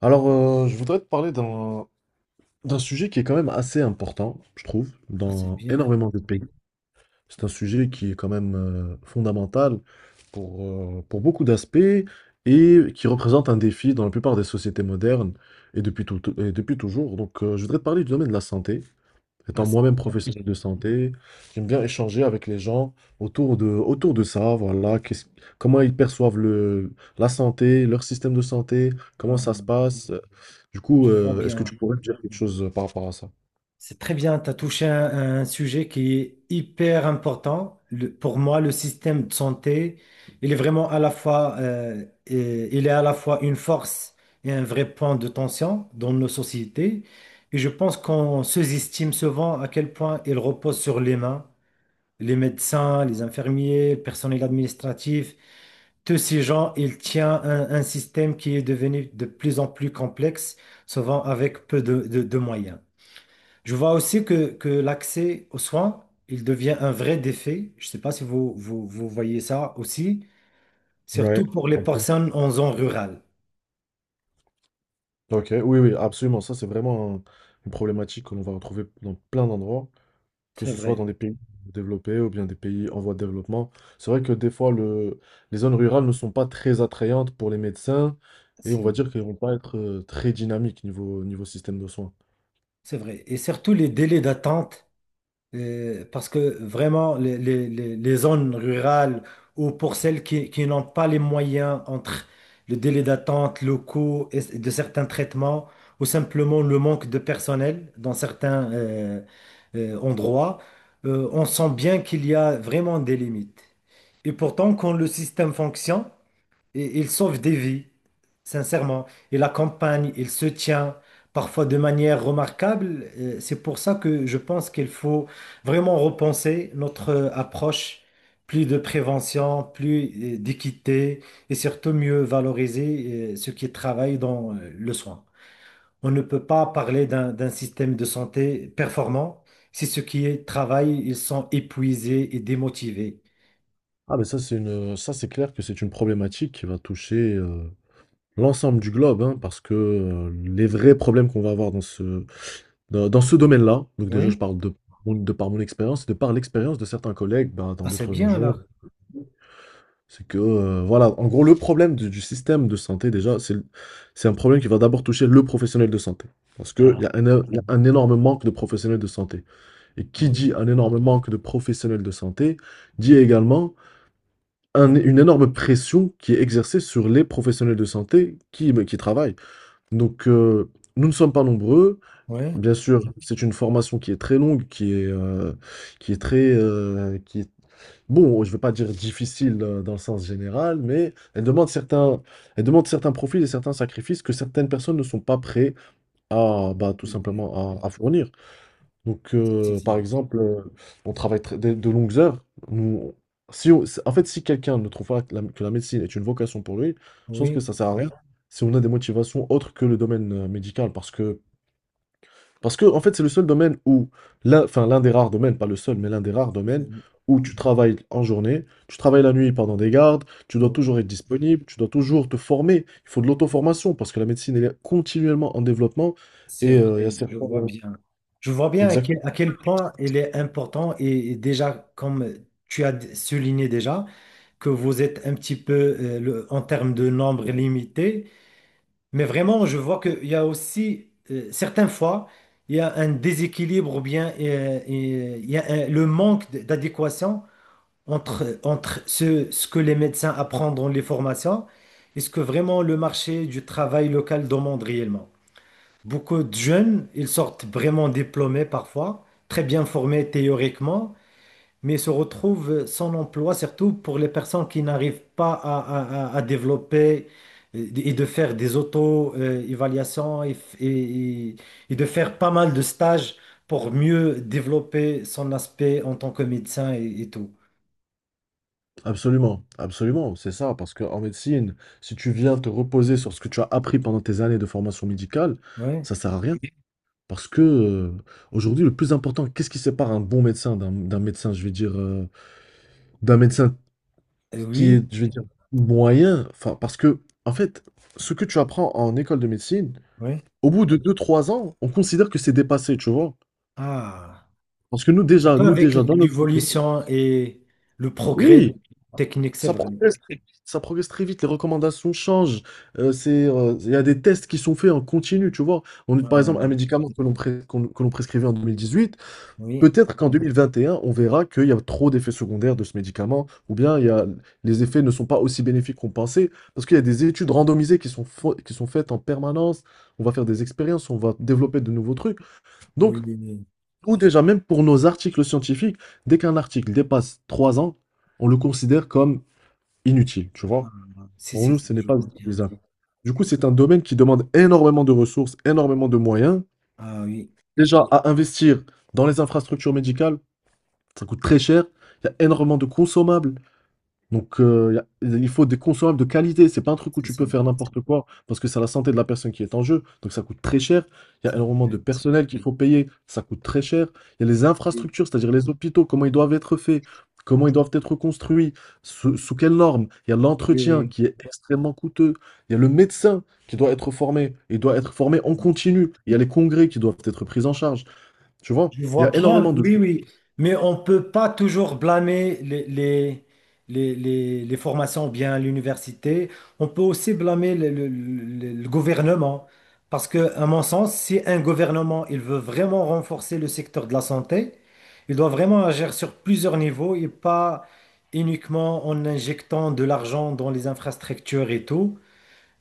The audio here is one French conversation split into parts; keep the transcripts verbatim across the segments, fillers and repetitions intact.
Alors, euh, je voudrais te parler d'un d'un sujet qui est quand même assez important, je trouve, Ah, c'est dans bien. énormément de pays. C'est un sujet qui est quand même euh, fondamental pour, euh, pour beaucoup d'aspects et qui représente un défi dans la plupart des sociétés modernes et depuis tout- et depuis toujours. Donc, euh, je voudrais te parler du domaine de la santé. Ah, Étant c'est moi-même bien. professionnel de santé, j'aime bien échanger avec les gens autour de, autour de ça, voilà, qu'est-ce- comment ils perçoivent le, la santé, leur système de santé, comment ça se Ah, passe. Du coup, je vois euh, est-ce que bien. tu pourrais me dire quelque chose euh, par rapport à ça? C'est très bien. Tu as touché un, un sujet qui est hyper important. Le- pour moi, le système de santé, il est vraiment à la fois, euh, et- il est à la fois une force et un vrai point de tension dans nos sociétés. Et je pense qu'on sous-estime souvent à quel point il repose sur les mains, les médecins, les infirmiers, le personnel administratif. Tous ces gens, ils tiennent un, un système qui est devenu de plus en plus complexe, souvent avec peu de, de- de moyens. Je vois aussi que, que l'accès aux soins, il devient un vrai défi. Je ne sais pas si vous, vous, vous voyez ça aussi, Ouais. surtout pour les Ok, personnes en zone rurale. ok, oui, oui, absolument. Ça, c'est vraiment un- une problématique que l'on va retrouver dans plein d'endroits, que C'est ce soit dans vrai, des pays développés ou bien des pays en voie de développement. C'est vrai que des fois, le, les zones rurales ne sont pas très attrayantes pour les médecins et on va dire si, qu'elles vont pas être euh, très dynamiques niveau, niveau système de soins. c'est vrai. Et surtout les délais d'attente. Euh, parce que vraiment, les, les- les- les zones rurales ou pour celles qui, qui n'ont pas les moyens entre le délai d'attente, le coût et- de certains traitements ou simplement le manque de personnel dans certains euh, euh, endroits, euh, on sent bien qu'il y a vraiment des limites. Et pourtant, quand le système fonctionne, et il sauve des vies, sincèrement. Il accompagne, il se tient, parfois de manière remarquable. Euh, C'est pour ça que je pense qu'il faut vraiment repenser notre euh, approche, plus de prévention, plus euh, d'équité et surtout mieux valoriser euh, ceux qui travaillent dans euh, le soin. On ne peut pas parler d'un d'un système de santé performant si ceux qui y travaillent, ils sont épuisés et démotivés. Ah, mais ça, c'est une, ça, c'est clair que c'est une problématique qui va toucher euh, l'ensemble du globe, hein, parce que euh, les vrais problèmes qu'on va avoir dans ce, dans, dans ce domaine-là. donc déjà, je Oui, parle de, mon- de par mon expérience, et de par l'expérience de certains collègues, bah, dans ah, c'est d'autres bien régions, alors. c'est que, euh, voilà, en gros, le problème du, du système de santé, déjà, c'est le- c'est un problème qui va d'abord toucher le professionnel de santé. Parce qu'il Voilà. y a un, é- il y a un énorme manque de professionnels de santé. Et qui dit Oui. un énorme manque de professionnels de santé, dit également un- une énorme pression qui est exercée sur les professionnels de santé qui, qui travaillent. Donc, euh, nous ne sommes pas nombreux. Oui. Bien sûr, c'est une formation qui est très longue, qui est, euh, qui est très, euh, qui est bon, je ne veux pas dire difficile euh, dans le sens général, mais elle demande certains, elle demande certains profils et certains sacrifices que certaines personnes ne sont pas prêtes à, bah, tout C'est vrai. simplement à, à fournir. Donc, Si, si, euh, par si. exemple, euh, on travaille tr- de, de longues heures. Nous, si on- si, en fait, si quelqu'un ne trouve pas que la, que la médecine est une vocation pour lui, je pense Oui, que ça sert à rien si on a des motivations autres que le domaine euh, médical, parce que parce que, en fait, c'est le seul domaine où, l'un, enfin, l'un des rares domaines, pas le seul, mais l'un des rares domaines oui, où tu travailles en journée, tu travailles la nuit pendant des gardes, tu dois oui, toujours être disponible, tu dois toujours te former. Il faut de l'auto-formation parce que la médecine, elle est continuellement en développement. c'est Et euh, il y vrai, a je certains. vois Euh, bien. Je vois bien à quel, Exactement. à quel point il est important et, et déjà, comme tu as d- souligné déjà, que vous êtes un petit peu euh, le- en termes de nombre limité, mais vraiment, je vois qu'il y a aussi, euh, certaines fois, il y a un déséquilibre ou bien euh, et il y a un- le manque d- d'adéquation entre, entre ce, ce que les médecins apprennent dans les formations et ce que vraiment le marché du travail local demande réellement. Beaucoup de jeunes, ils sortent vraiment diplômés parfois, très bien formés théoriquement, mais se retrouvent sans emploi, surtout pour les personnes qui n'arrivent pas à, à- à- à développer euh, et de faire des auto-évaluations et, f- et et- et de faire pas mal de stages pour mieux développer son aspect en tant que médecin et, et tout. Absolument. Absolument. C'est ça. Parce qu'en médecine, si tu viens te reposer sur ce que tu as appris pendant tes années de formation médicale, Ouais. ça sert à rien. Parce que euh, aujourd'hui, le plus important, qu'est-ce qui sépare un bon médecin d'un d'un médecin, je vais dire, euh, d'un médecin Euh, ce qui Oui. est, je vais dire, moyen, enfin, parce que, en fait, ce que tu apprends en école de médecine, Oui. au bout de deux trois ans, on considère que c'est dépassé, tu vois. Ah, Parce que nous, ça déjà, peut nous, avec déjà, dans notre... l'évolution et le progrès Oui, technique, c'est ça vrai. progresse, ça progresse très vite, les recommandations changent, euh, c'est, euh, il y a des tests qui sont faits en continu, tu vois. On, par Euh, exemple, un médicament que l'on pres- qu'on- que l'on prescrivait en deux mille dix-huit, oui, peut-être qu'en deux mille vingt et un, on verra qu'il y a trop d'effets secondaires de ce médicament, ou bien il y a, les effets ne sont pas aussi bénéfiques qu'on pensait, parce qu'il y a des études randomisées qui sont, fo- qui sont faites en permanence, on va faire des expériences, on va développer de nouveaux trucs. oui, Donc, oui, oui. nous déjà, même pour nos articles scientifiques, dès qu'un article dépasse trois ans, on le considère comme inutile, tu vois. Ah, si, Pour si, nous, si, ce n'est je pas vois bien. utilisable. Du coup, c'est un domaine qui demande énormément de ressources, énormément de moyens, Ah oui, déjà à investir dans les infrastructures médicales. Ça coûte très cher. Il y a énormément de consommables. Donc, euh, il y a- il faut des consommables de qualité. C'est pas un truc où c'est tu ça. peux faire n'importe quoi parce que c'est la santé de la personne qui est en jeu. Donc, ça coûte très cher. Il y a Ça, énormément de personnel qu'il faut payer. Ça coûte très cher. Il y a les oui, infrastructures, c'est-à-dire les hôpitaux, comment ils doivent être faits, comment ils doivent être construits, sous, sous quelles normes. Il y a l'entretien oui, qui est extrêmement coûteux. Il y a le médecin qui doit être formé. Il doit être formé en oui. continu. Il y a les congrès qui doivent être pris en charge. Tu vois, Je il y vois a bien, énormément de... oui, oui, mais on ne peut pas toujours blâmer les, les, les, les, les formations bien à l'université. On peut aussi blâmer le, le- le- le gouvernement. Parce que, à mon sens, si un gouvernement il veut vraiment renforcer le secteur de la santé, il doit vraiment agir sur plusieurs niveaux et pas uniquement en injectant de l'argent dans les infrastructures et tout.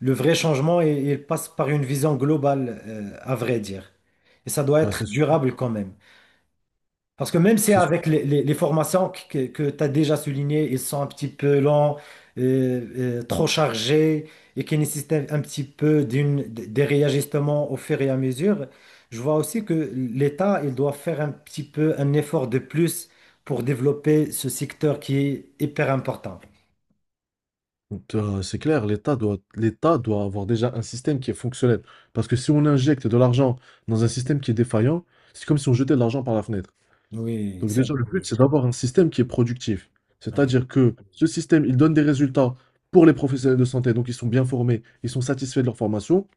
Le vrai changement, il, il passe par une vision globale, euh, à vrai dire. Et ça doit Bah, c'est être durable quand même. Parce que même si c'est avec les, les- les formations que, que tu as déjà soulignées, ils sont un petit peu longs, euh, euh, trop chargés et qui nécessitent un un petit peu d'une, des réajustements au fur et à mesure, je vois aussi que l'État, il doit faire un petit peu un effort de plus pour développer ce secteur qui est hyper important. Donc, euh, c'est clair, l'État doit, l'État doit avoir déjà un système qui est fonctionnel. Parce que si on injecte de l'argent dans un système qui est défaillant, c'est comme si on jetait de l'argent par la fenêtre. Oui, Donc c'est déjà, le vrai. but, c'est d'avoir un système qui est productif. Oui, C'est-à-dire que ce système, il donne des résultats pour les professionnels de santé, donc ils sont bien formés, ils sont satisfaits de leur formation.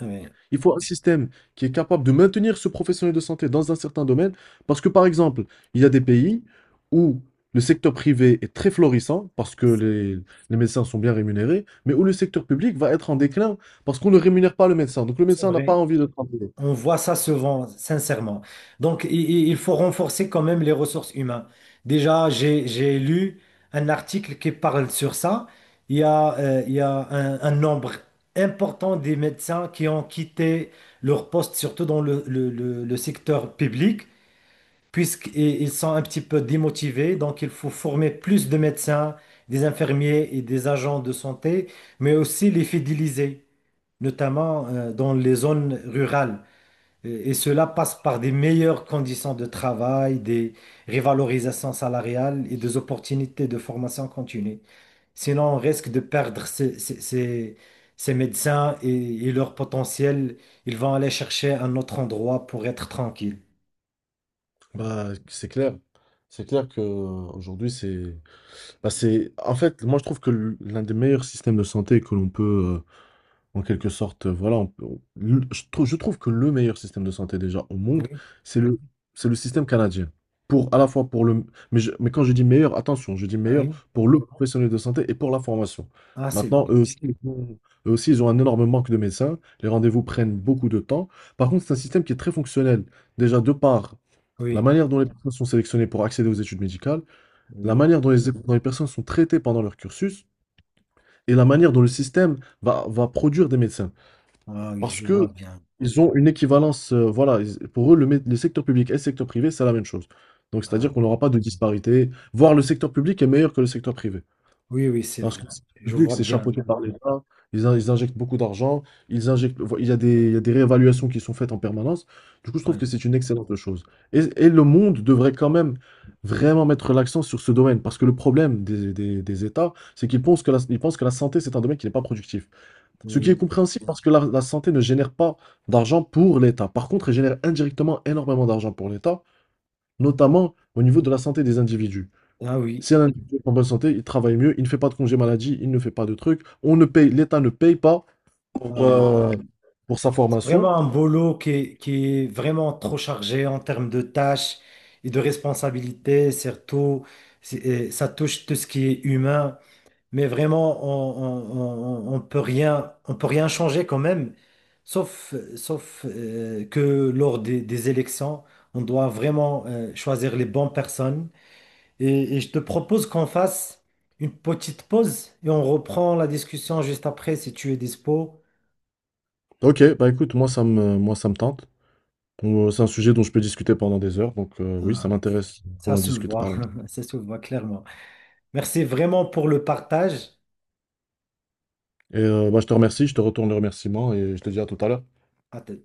oui, Il faut un système qui est capable de maintenir ce professionnel de santé dans un certain domaine, parce que par exemple, il y a des pays où le secteur privé est très florissant, parce que les, les médecins sont bien rémunérés, mais où le secteur public va être en déclin, parce qu'on ne rémunère pas le médecin. Donc le c'est médecin n'a pas vrai. envie de travailler. On voit ça souvent, sincèrement. Donc, i- i- il faut renforcer quand même les ressources humaines. Déjà, j'ai, j'ai lu un article qui parle sur ça. Il y a, euh, il y a un, un nombre important des médecins qui ont quitté leur poste, surtout dans le, le- le- le secteur public, puisqu'ils sont un petit peu démotivés. Donc, il faut former plus de médecins, des infirmiers et des agents de santé, mais aussi les fidéliser, notamment, euh, dans les zones rurales. Et et cela passe par des meilleures conditions de travail, des revalorisations salariales et des opportunités de formation continue. Sinon, on risque de perdre ces, ces- ces- ces médecins et, et leur potentiel. Ils vont aller chercher un autre endroit pour être tranquille. Bah, c'est clair. C'est clair que euh, aujourd'hui c'est bah, c'est en fait, moi je trouve que l- l'un des meilleurs systèmes de santé que l'on peut euh, en quelque sorte, heu, voilà, on peut on le je trou je trouve que le meilleur système de santé déjà au monde, Oui, c'est Mmh le c'est le système canadien. Pour à la fois pour le mais je Mais quand je dis meilleur, attention, je dis ah meilleur oui, pour le professionnel de santé et pour la formation. ah c'est Maintenant, bien. eux aussi, ils ont eux aussi, ils ont un énorme manque de médecins, les rendez-vous prennent beaucoup de temps. Par contre, c'est un système qui est très fonctionnel. Déjà de par la Oui, manière dont les personnes sont sélectionnées pour accéder aux études médicales, la oui, manière dont les dont les personnes sont traitées pendant leur cursus et la manière dont le système va va produire des médecins. ah oui, Parce je vois que bien. ils ont une équivalence, euh, voilà, ils- pour eux, le, mé- le secteur public et le secteur privé, c'est la même chose. Donc, c'est-à-dire Ah, qu'on n'aura pas de disparité, voire le secteur public est meilleur que le secteur privé. oui, oui, c'est Parce vrai. que le secteur Je public, vois c'est bien. chapeauté par l'État, ils, in- ils injectent beaucoup d'argent, ils injectent, vo- il y a des, il y a des réévaluations qui sont faites en permanence. Du coup, je trouve que Oui, c'est une excellente chose. Et, et le monde devrait quand même vraiment mettre l'accent sur ce domaine, parce que le problème des, des- des États, c'est qu'ils pensent que la, ils pensent que la santé, c'est un domaine qui n'est pas productif. Ce qui est oui, compréhensible parce que la, la santé ne génère pas d'argent pour l'État. Par contre, elle génère indirectement énormément d'argent pour l'État, notamment au niveau de la santé des individus. ah oui, Si un individu est en bonne santé, il travaille mieux, il ne fait pas de congé maladie, il ne fait pas de trucs. On ne paye, L'État ne paye pas pour, ah oui. euh, pour sa formation. Vraiment un boulot qui est, qui est vraiment trop chargé en termes de tâches et de responsabilités, surtout, c'est- euh, ça touche tout ce qui est humain, mais vraiment, on, on, on- on peut rien, on peut rien changer quand même, sauf, sauf euh, que lors des, des élections, on doit vraiment euh, choisir les bonnes personnes. Et, et je te propose qu'on fasse une petite pause et on reprend la discussion juste après si tu es dispo. Ok, bah écoute, moi ça me, moi ça me tente. Euh, C'est un sujet dont je peux discuter pendant des heures, donc euh, oui, ça Ah, m'intéresse ça qu'on en se le discute voit, par là. ça se le voit clairement. Merci vraiment pour le partage. Et euh, bah, je te remercie, je te retourne le remerciement et je te dis à tout à l'heure. À t-